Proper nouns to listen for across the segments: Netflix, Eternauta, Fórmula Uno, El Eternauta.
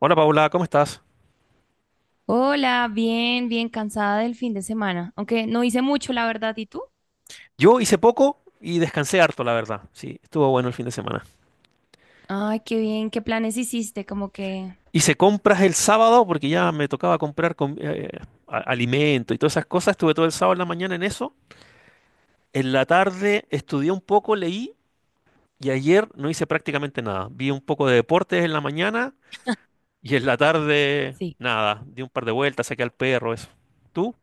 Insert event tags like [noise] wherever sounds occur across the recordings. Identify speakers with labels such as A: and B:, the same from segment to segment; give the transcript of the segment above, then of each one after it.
A: Hola Paula, ¿cómo estás?
B: Hola, bien, bien cansada del fin de semana, aunque no hice mucho, la verdad, ¿y tú?
A: Yo hice poco y descansé harto, la verdad. Sí, estuvo bueno el fin de semana.
B: Ay, qué bien, ¿qué planes hiciste? Como que,
A: Hice compras el sábado porque ya me tocaba comprar alimento y todas esas cosas. Estuve todo el sábado en la mañana en eso. En la tarde estudié un poco, leí y ayer no hice prácticamente nada. Vi un poco de deportes en la mañana y en la tarde
B: sí,
A: nada. Di un par de vueltas, saqué al perro, eso. ¿Tú?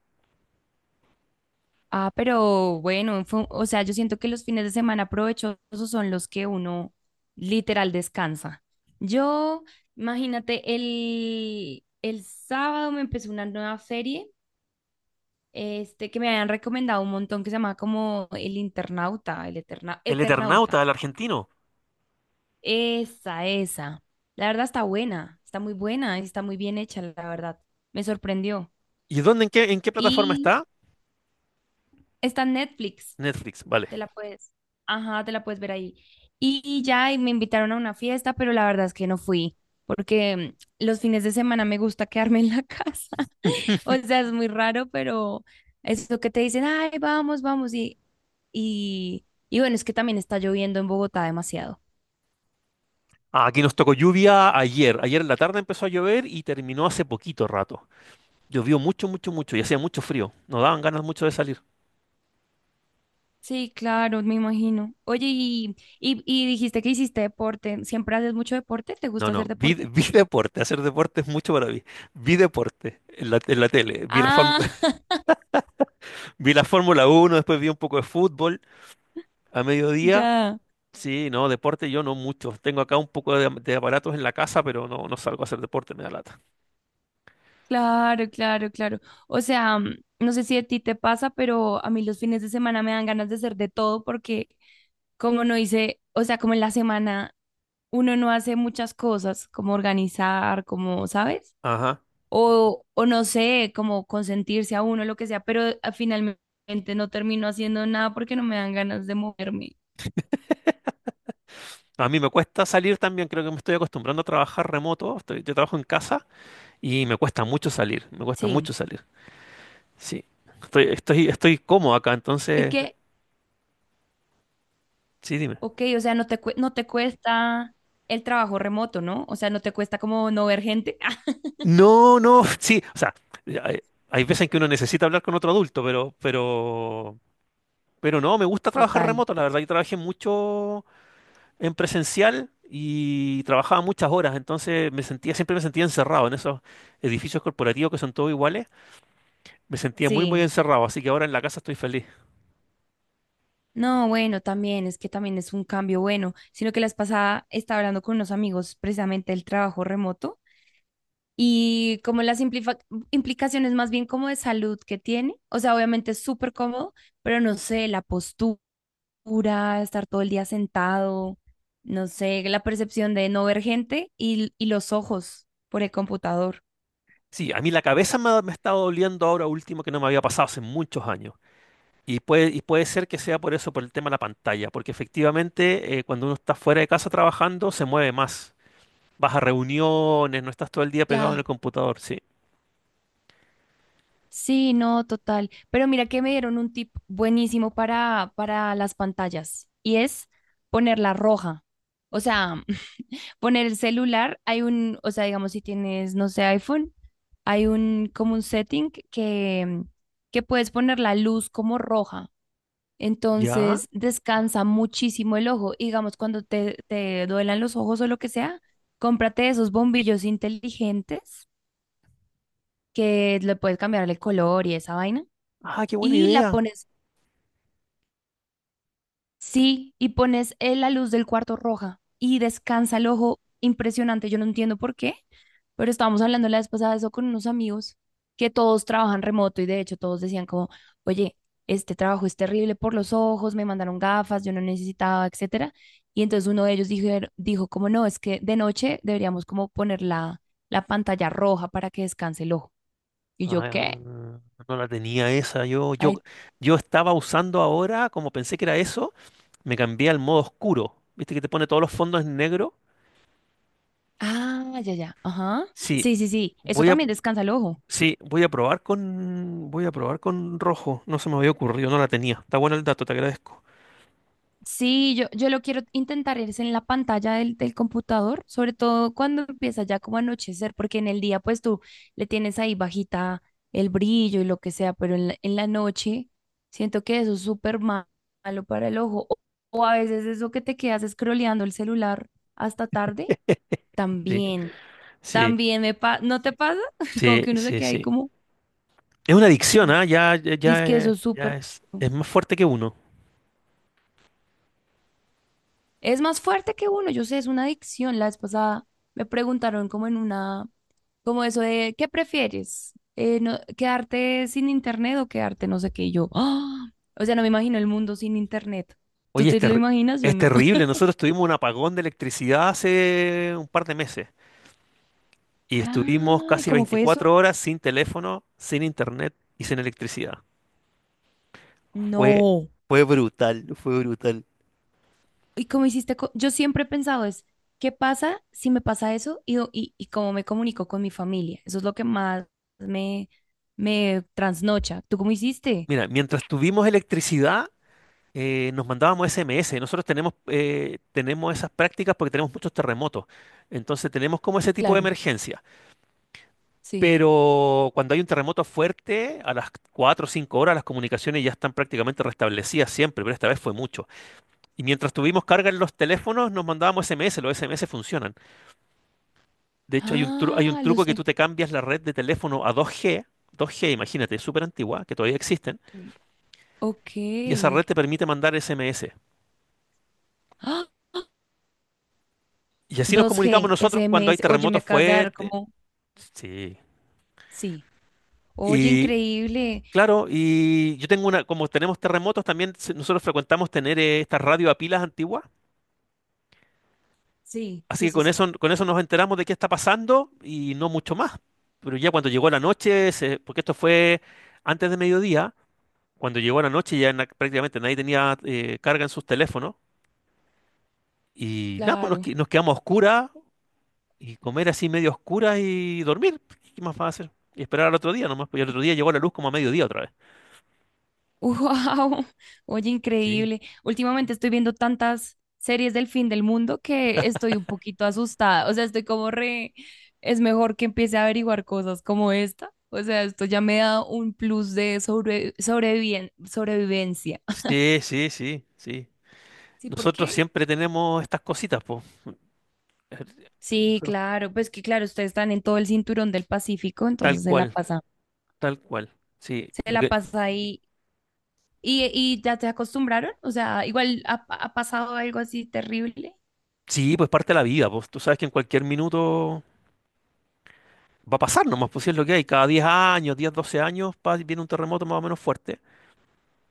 B: ah, pero bueno, o sea, yo siento que los fines de semana provechosos son los que uno literal descansa. Yo, imagínate, el sábado me empezó una nueva serie, que me habían recomendado un montón, que se llama como El Internauta,
A: El Eternauta,
B: Eternauta.
A: el argentino.
B: Esa, esa. La verdad está buena, está muy buena, y está muy bien hecha, la verdad. Me sorprendió.
A: ¿Y dónde, en qué plataforma
B: Y
A: está?
B: está en Netflix,
A: Netflix,
B: te
A: vale.
B: la puedes, ajá, te la puedes ver ahí. Y me invitaron a una fiesta, pero la verdad es que no fui, porque los fines de semana me gusta quedarme en la casa. [laughs] O sea, es muy raro, pero eso que te dicen, ay, vamos, vamos, y bueno, es que también está lloviendo en Bogotá demasiado.
A: Ah, aquí nos tocó lluvia ayer. Ayer en la tarde empezó a llover y terminó hace poquito rato. Llovió mucho, mucho, mucho y hacía mucho frío. Nos daban ganas mucho de salir.
B: Sí, claro, me imagino. Oye, y dijiste que hiciste deporte. ¿Siempre haces mucho deporte? ¿Te
A: No,
B: gusta
A: no,
B: hacer
A: vi, [laughs]
B: deporte?
A: vi deporte. Hacer deporte es mucho para mí. Vi deporte en en la tele. Vi la, fórm-
B: Ah,
A: [laughs]
B: [laughs]
A: Vi la Fórmula Uno, después vi un poco de fútbol a mediodía.
B: ya.
A: Sí, no, deporte yo no mucho. Tengo acá un poco de aparatos en la casa, pero no, no salgo a hacer deporte, me da lata.
B: Claro, claro, claro. O sea, no sé si a ti te pasa, pero a mí los fines de semana me dan ganas de hacer de todo porque como no hice, o sea, como en la semana uno no hace muchas cosas, como organizar, como, ¿sabes?
A: Ajá.
B: O no sé, como consentirse a uno, lo que sea, pero finalmente no termino haciendo nada porque no me dan ganas de moverme.
A: A mí me cuesta salir también, creo que me estoy acostumbrando a trabajar remoto. Estoy- yo trabajo en casa. Y me cuesta mucho salir, me cuesta
B: Sí,
A: mucho salir. Sí, estoy cómodo acá,
B: es
A: entonces,
B: que,
A: sí, dime.
B: ok, o sea, no te cuesta el trabajo remoto, ¿no? O sea, no te cuesta como no ver gente. [laughs]
A: No, no, [laughs] sí, o sea, hay, hay veces en que uno necesita hablar con otro adulto, pero no, me gusta trabajar
B: Total,
A: remoto, la verdad, yo trabajé mucho en presencial y trabajaba muchas horas, entonces siempre me sentía encerrado en esos edificios corporativos que son todos iguales, me sentía muy, muy
B: sí.
A: encerrado, así que ahora en la casa estoy feliz.
B: No, bueno, también, es que también es un cambio bueno, sino que las pasada estaba hablando con unos amigos precisamente del trabajo remoto y como implicaciones más bien como de salud que tiene, o sea, obviamente es súper cómodo, pero no sé, la postura oscura, estar todo el día sentado, no sé, la percepción de no ver gente y los ojos por el computador.
A: Sí, a mí la cabeza me ha estado doliendo ahora último que no me había pasado hace muchos años. Y puede ser que sea por eso, por el tema de la pantalla, porque efectivamente cuando uno está fuera de casa trabajando se mueve más. Vas a reuniones, no estás todo el día pegado en
B: Claro.
A: el computador, sí.
B: Sí, no, total. Pero mira que me dieron un tip buenísimo para las pantallas y es ponerla roja. O sea, [clears throat] [laughs] poner el celular, hay un, o sea, digamos, si tienes, no sé, iPhone, hay un, como un setting que puedes poner la luz como roja.
A: ¿Ya?
B: Entonces descansa muchísimo el ojo. Y digamos, cuando te duelan los ojos o lo que sea, cómprate esos bombillos inteligentes que le puedes cambiar el color y esa vaina.
A: Ah, qué buena
B: Y la
A: idea.
B: pones sí, y pones la luz del cuarto roja y descansa el ojo impresionante. Yo no entiendo por qué, pero estábamos hablando la vez pasada de eso con unos amigos que todos trabajan remoto y de hecho todos decían como, oye, este trabajo es terrible por los ojos, me mandaron gafas, yo no necesitaba, etcétera. Y entonces uno de ellos dijo, dijo como no, es que de noche deberíamos como poner la, la pantalla roja para que descanse el ojo. Y yo,
A: Ah,
B: ¿qué?
A: no la tenía esa.
B: Ay,
A: Yo estaba usando ahora, como pensé que era eso, me cambié al modo oscuro. ¿Viste que te pone todos los fondos en negro?
B: ah, ya, ya, ajá.
A: Sí,
B: Sí, sí, sí, eso
A: voy a,
B: también descansa el ojo.
A: sí, voy a probar con rojo. No se me había ocurrido, no la tenía. Está bueno el dato, te agradezco.
B: Sí, yo lo quiero intentar es en la pantalla del computador, sobre todo cuando empieza ya como a anochecer, porque en el día pues tú le tienes ahí bajita el brillo y lo que sea, pero en la noche siento que eso es malo para el ojo. O a veces eso que te quedas scrolleando el celular hasta tarde,
A: Sí.
B: también,
A: Sí,
B: también me pasa, ¿no te pasa? [laughs] Como
A: sí,
B: que uno se
A: sí,
B: queda ahí
A: sí.
B: como,
A: Es una adicción, ¿ah? Ya, ya,
B: dice
A: ya,
B: que eso es súper.
A: es más fuerte que uno.
B: Es más fuerte que uno, yo sé, es una adicción. La vez pasada me preguntaron como en una, como eso de, ¿qué prefieres? No, ¿quedarte sin internet o quedarte no sé qué? Y yo, ¡ah! O sea, no me imagino el mundo sin internet. ¿Tú
A: Oye, es,
B: te lo
A: terri-
B: imaginas? Yo
A: es
B: no.
A: terrible. Nosotros tuvimos un apagón de electricidad hace un par de meses y
B: [laughs]
A: estuvimos
B: Ay,
A: casi
B: ¿cómo fue
A: 24
B: eso?
A: horas sin teléfono, sin internet y sin electricidad. Fue,
B: No.
A: Fue brutal, fue brutal.
B: ¿Y cómo hiciste? Yo siempre he pensado es, ¿qué pasa si me pasa eso? Y, y cómo me comunico con mi familia. Eso es lo que más me, me trasnocha. ¿Tú cómo hiciste?
A: Mira, mientras tuvimos electricidad, nos mandábamos SMS. Nosotros tenemos, tenemos esas prácticas porque tenemos muchos terremotos. Entonces tenemos como ese tipo de
B: Claro,
A: emergencia.
B: sí.
A: Pero cuando hay un terremoto fuerte, a las 4 o 5 horas las comunicaciones ya están prácticamente restablecidas siempre, pero esta vez fue mucho. Y mientras tuvimos carga en los teléfonos, nos mandábamos SMS, los SMS funcionan. De hecho, hay un
B: Ah,
A: truco que tú te cambias la red de teléfono a 2G, 2G, imagínate, súper antigua, que todavía existen,
B: ok.
A: y esa red te permite mandar SMS.
B: ¡Ah!
A: Y así nos comunicamos
B: 2G,
A: nosotros cuando hay
B: SMS. Oye, me
A: terremotos
B: acabas de dar
A: fuertes.
B: como...
A: Sí.
B: Sí. Oye,
A: Y
B: increíble.
A: claro, y yo tengo una, como tenemos terremotos, también se- nosotros frecuentamos tener estas radio a pilas antiguas.
B: Sí,
A: Así
B: sí,
A: que
B: sí, sí.
A: con eso nos enteramos de qué está pasando y no mucho más. Pero ya cuando llegó la noche, se- porque esto fue antes de mediodía, cuando llegó la noche ya na- prácticamente nadie tenía carga en sus teléfonos. Y nada, pues
B: Claro.
A: nos quedamos a oscuras y comer así medio a oscuras y dormir. ¿Qué más va a hacer? Y esperar al otro día nomás, pues y al otro día llegó la luz como a mediodía otra vez.
B: [laughs] Wow. Oye,
A: Sí.
B: increíble. Últimamente estoy viendo tantas series del fin del mundo que estoy un poquito asustada. O sea, estoy como re... Es mejor que empiece a averiguar cosas como esta. O sea, esto ya me da un plus de sobrevivencia. [laughs]
A: Sí, sí, sí, sí.
B: Sí,
A: Nosotros
B: porque
A: siempre tenemos estas cositas, pues.
B: sí,
A: Nosotros-
B: claro, pues que claro, ustedes están en todo el cinturón del Pacífico,
A: tal
B: entonces
A: cual, tal cual. Sí,
B: se
A: lo
B: la
A: que
B: pasa ahí. ¿Y ya te acostumbraron? O sea, igual ha, ha pasado algo así terrible.
A: sí, pues parte de la vida, pues tú sabes que en cualquier minuto va a pasar nomás, pues si es lo que hay, cada 10 años, 12 años pa- viene un terremoto más o menos fuerte.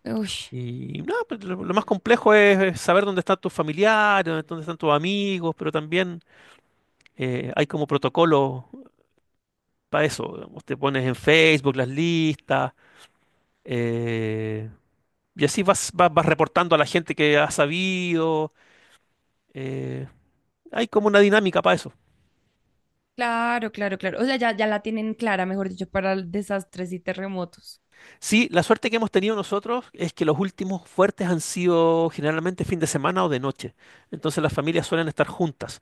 B: Uy,
A: Y nada, pues, lo más complejo es saber dónde están tus familiares, dónde están tus amigos, pero también hay como protocolo para eso. Digamos, te pones en Facebook las listas, eh, y así vas reportando a la gente que has sabido. eh, Hay como una dinámica para eso.
B: claro, claro, claro. O sea, ya, ya la tienen clara, mejor dicho, para desastres y terremotos.
A: Sí, la suerte que hemos tenido nosotros es que los últimos fuertes han sido generalmente fin de semana o de noche. Entonces las familias suelen estar juntas.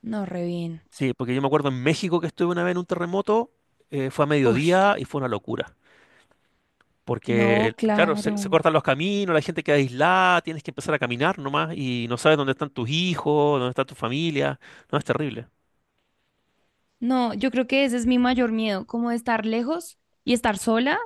B: No, re bien.
A: Sí, porque yo me acuerdo en México que estuve una vez en un terremoto, fue a
B: Uy,
A: mediodía y fue una locura. Porque,
B: no,
A: claro, se
B: claro.
A: cortan los caminos, la gente queda aislada, tienes que empezar a caminar nomás y no sabes dónde están tus hijos, dónde está tu familia. No, es terrible.
B: No, yo creo que ese es mi mayor miedo, como de estar lejos y estar sola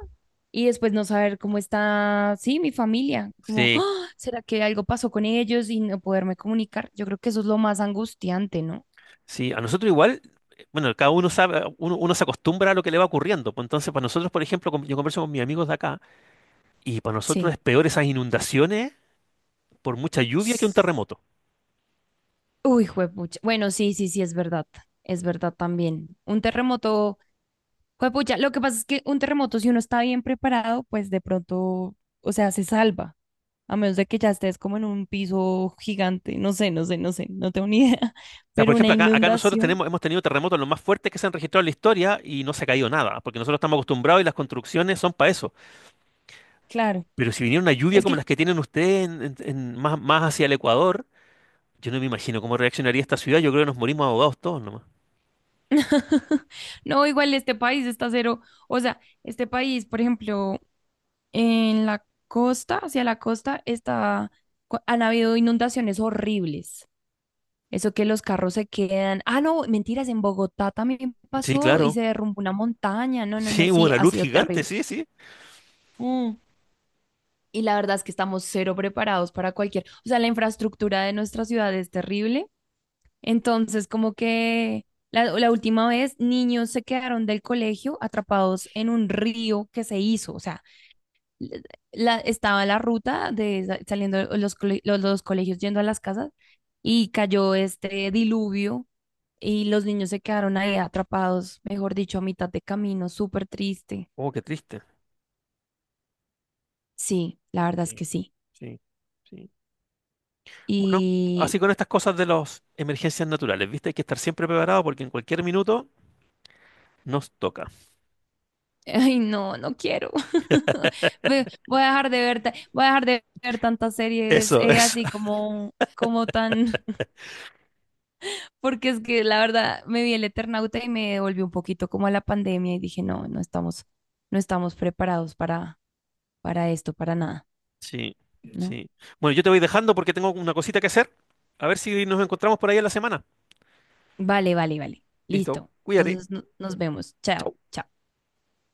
B: y después no saber cómo está, sí, mi familia, como,
A: Sí,
B: ¡ah! ¿Será que algo pasó con ellos y no poderme comunicar? Yo creo que eso es lo más angustiante, ¿no?
A: sí, a nosotros igual, bueno, cada uno sabe, uno se acostumbra a lo que le va ocurriendo. Pues entonces, para nosotros, por ejemplo, con- yo converso con mis amigos de acá. Y para nosotros
B: Sí.
A: es peor esas inundaciones por mucha lluvia que un terremoto. O
B: Uy, juepucha. Bueno, sí, sí, sí, es verdad. Es verdad también. Un terremoto juepucha, lo que pasa es que un terremoto, si uno está bien preparado, pues de pronto, o sea, se salva. A menos de que ya estés como en un piso gigante, no sé, no sé, no sé, no tengo ni idea. [laughs]
A: sea, por
B: Pero una
A: ejemplo, acá nosotros
B: inundación,
A: tenemos, hemos tenido terremotos los más fuertes que se han registrado en la historia y no se ha caído nada, porque nosotros estamos acostumbrados y las construcciones son para eso.
B: claro.
A: Pero si viniera una lluvia
B: Es
A: como
B: que,
A: las que tienen ustedes más, más hacia el Ecuador, yo no me imagino cómo reaccionaría esta ciudad. Yo creo que nos morimos ahogados todos nomás.
B: [laughs] no, igual este país está cero. O sea, este país, por ejemplo, en la costa, hacia la costa, está, han habido inundaciones horribles. Eso que los carros se quedan. Ah, no, mentiras, en Bogotá también
A: Sí,
B: pasó y
A: claro.
B: se derrumbó una montaña. No, no, no,
A: Sí, hubo
B: sí,
A: una
B: ha
A: luz
B: sido
A: gigante,
B: terrible.
A: sí, sí.
B: Mm. Y la verdad es que estamos cero preparados para cualquier. O sea, la infraestructura de nuestra ciudad es terrible. Entonces, como que la última vez, niños se quedaron del colegio atrapados en un río que se hizo. O sea, la, estaba la ruta de saliendo los, los colegios yendo a las casas y cayó este diluvio y los niños se quedaron ahí atrapados, mejor dicho, a mitad de camino, súper triste.
A: Oh, qué triste.
B: Sí, la verdad es
A: Sí,
B: que sí.
A: sí, sí. Bueno,
B: Y,
A: así con estas cosas de las emergencias naturales, ¿viste? Hay que estar siempre preparado porque en cualquier minuto... Nos toca.
B: [laughs] ay, no, no quiero. [laughs] Voy a dejar de ver, voy a dejar de ver tantas series
A: Eso, eso.
B: así
A: [laughs]
B: como, como tan porque es que la verdad me vi el Eternauta y me devolvió un poquito como a la pandemia y dije, no, no estamos, no estamos preparados para esto, para nada,
A: Sí,
B: ¿no?
A: sí. Bueno, yo te voy dejando porque tengo una cosita que hacer. A ver si nos encontramos por ahí en la semana.
B: Vale, vale, vale.
A: Listo,
B: Listo.
A: cuídate.
B: Entonces nos vemos. Chao, chao.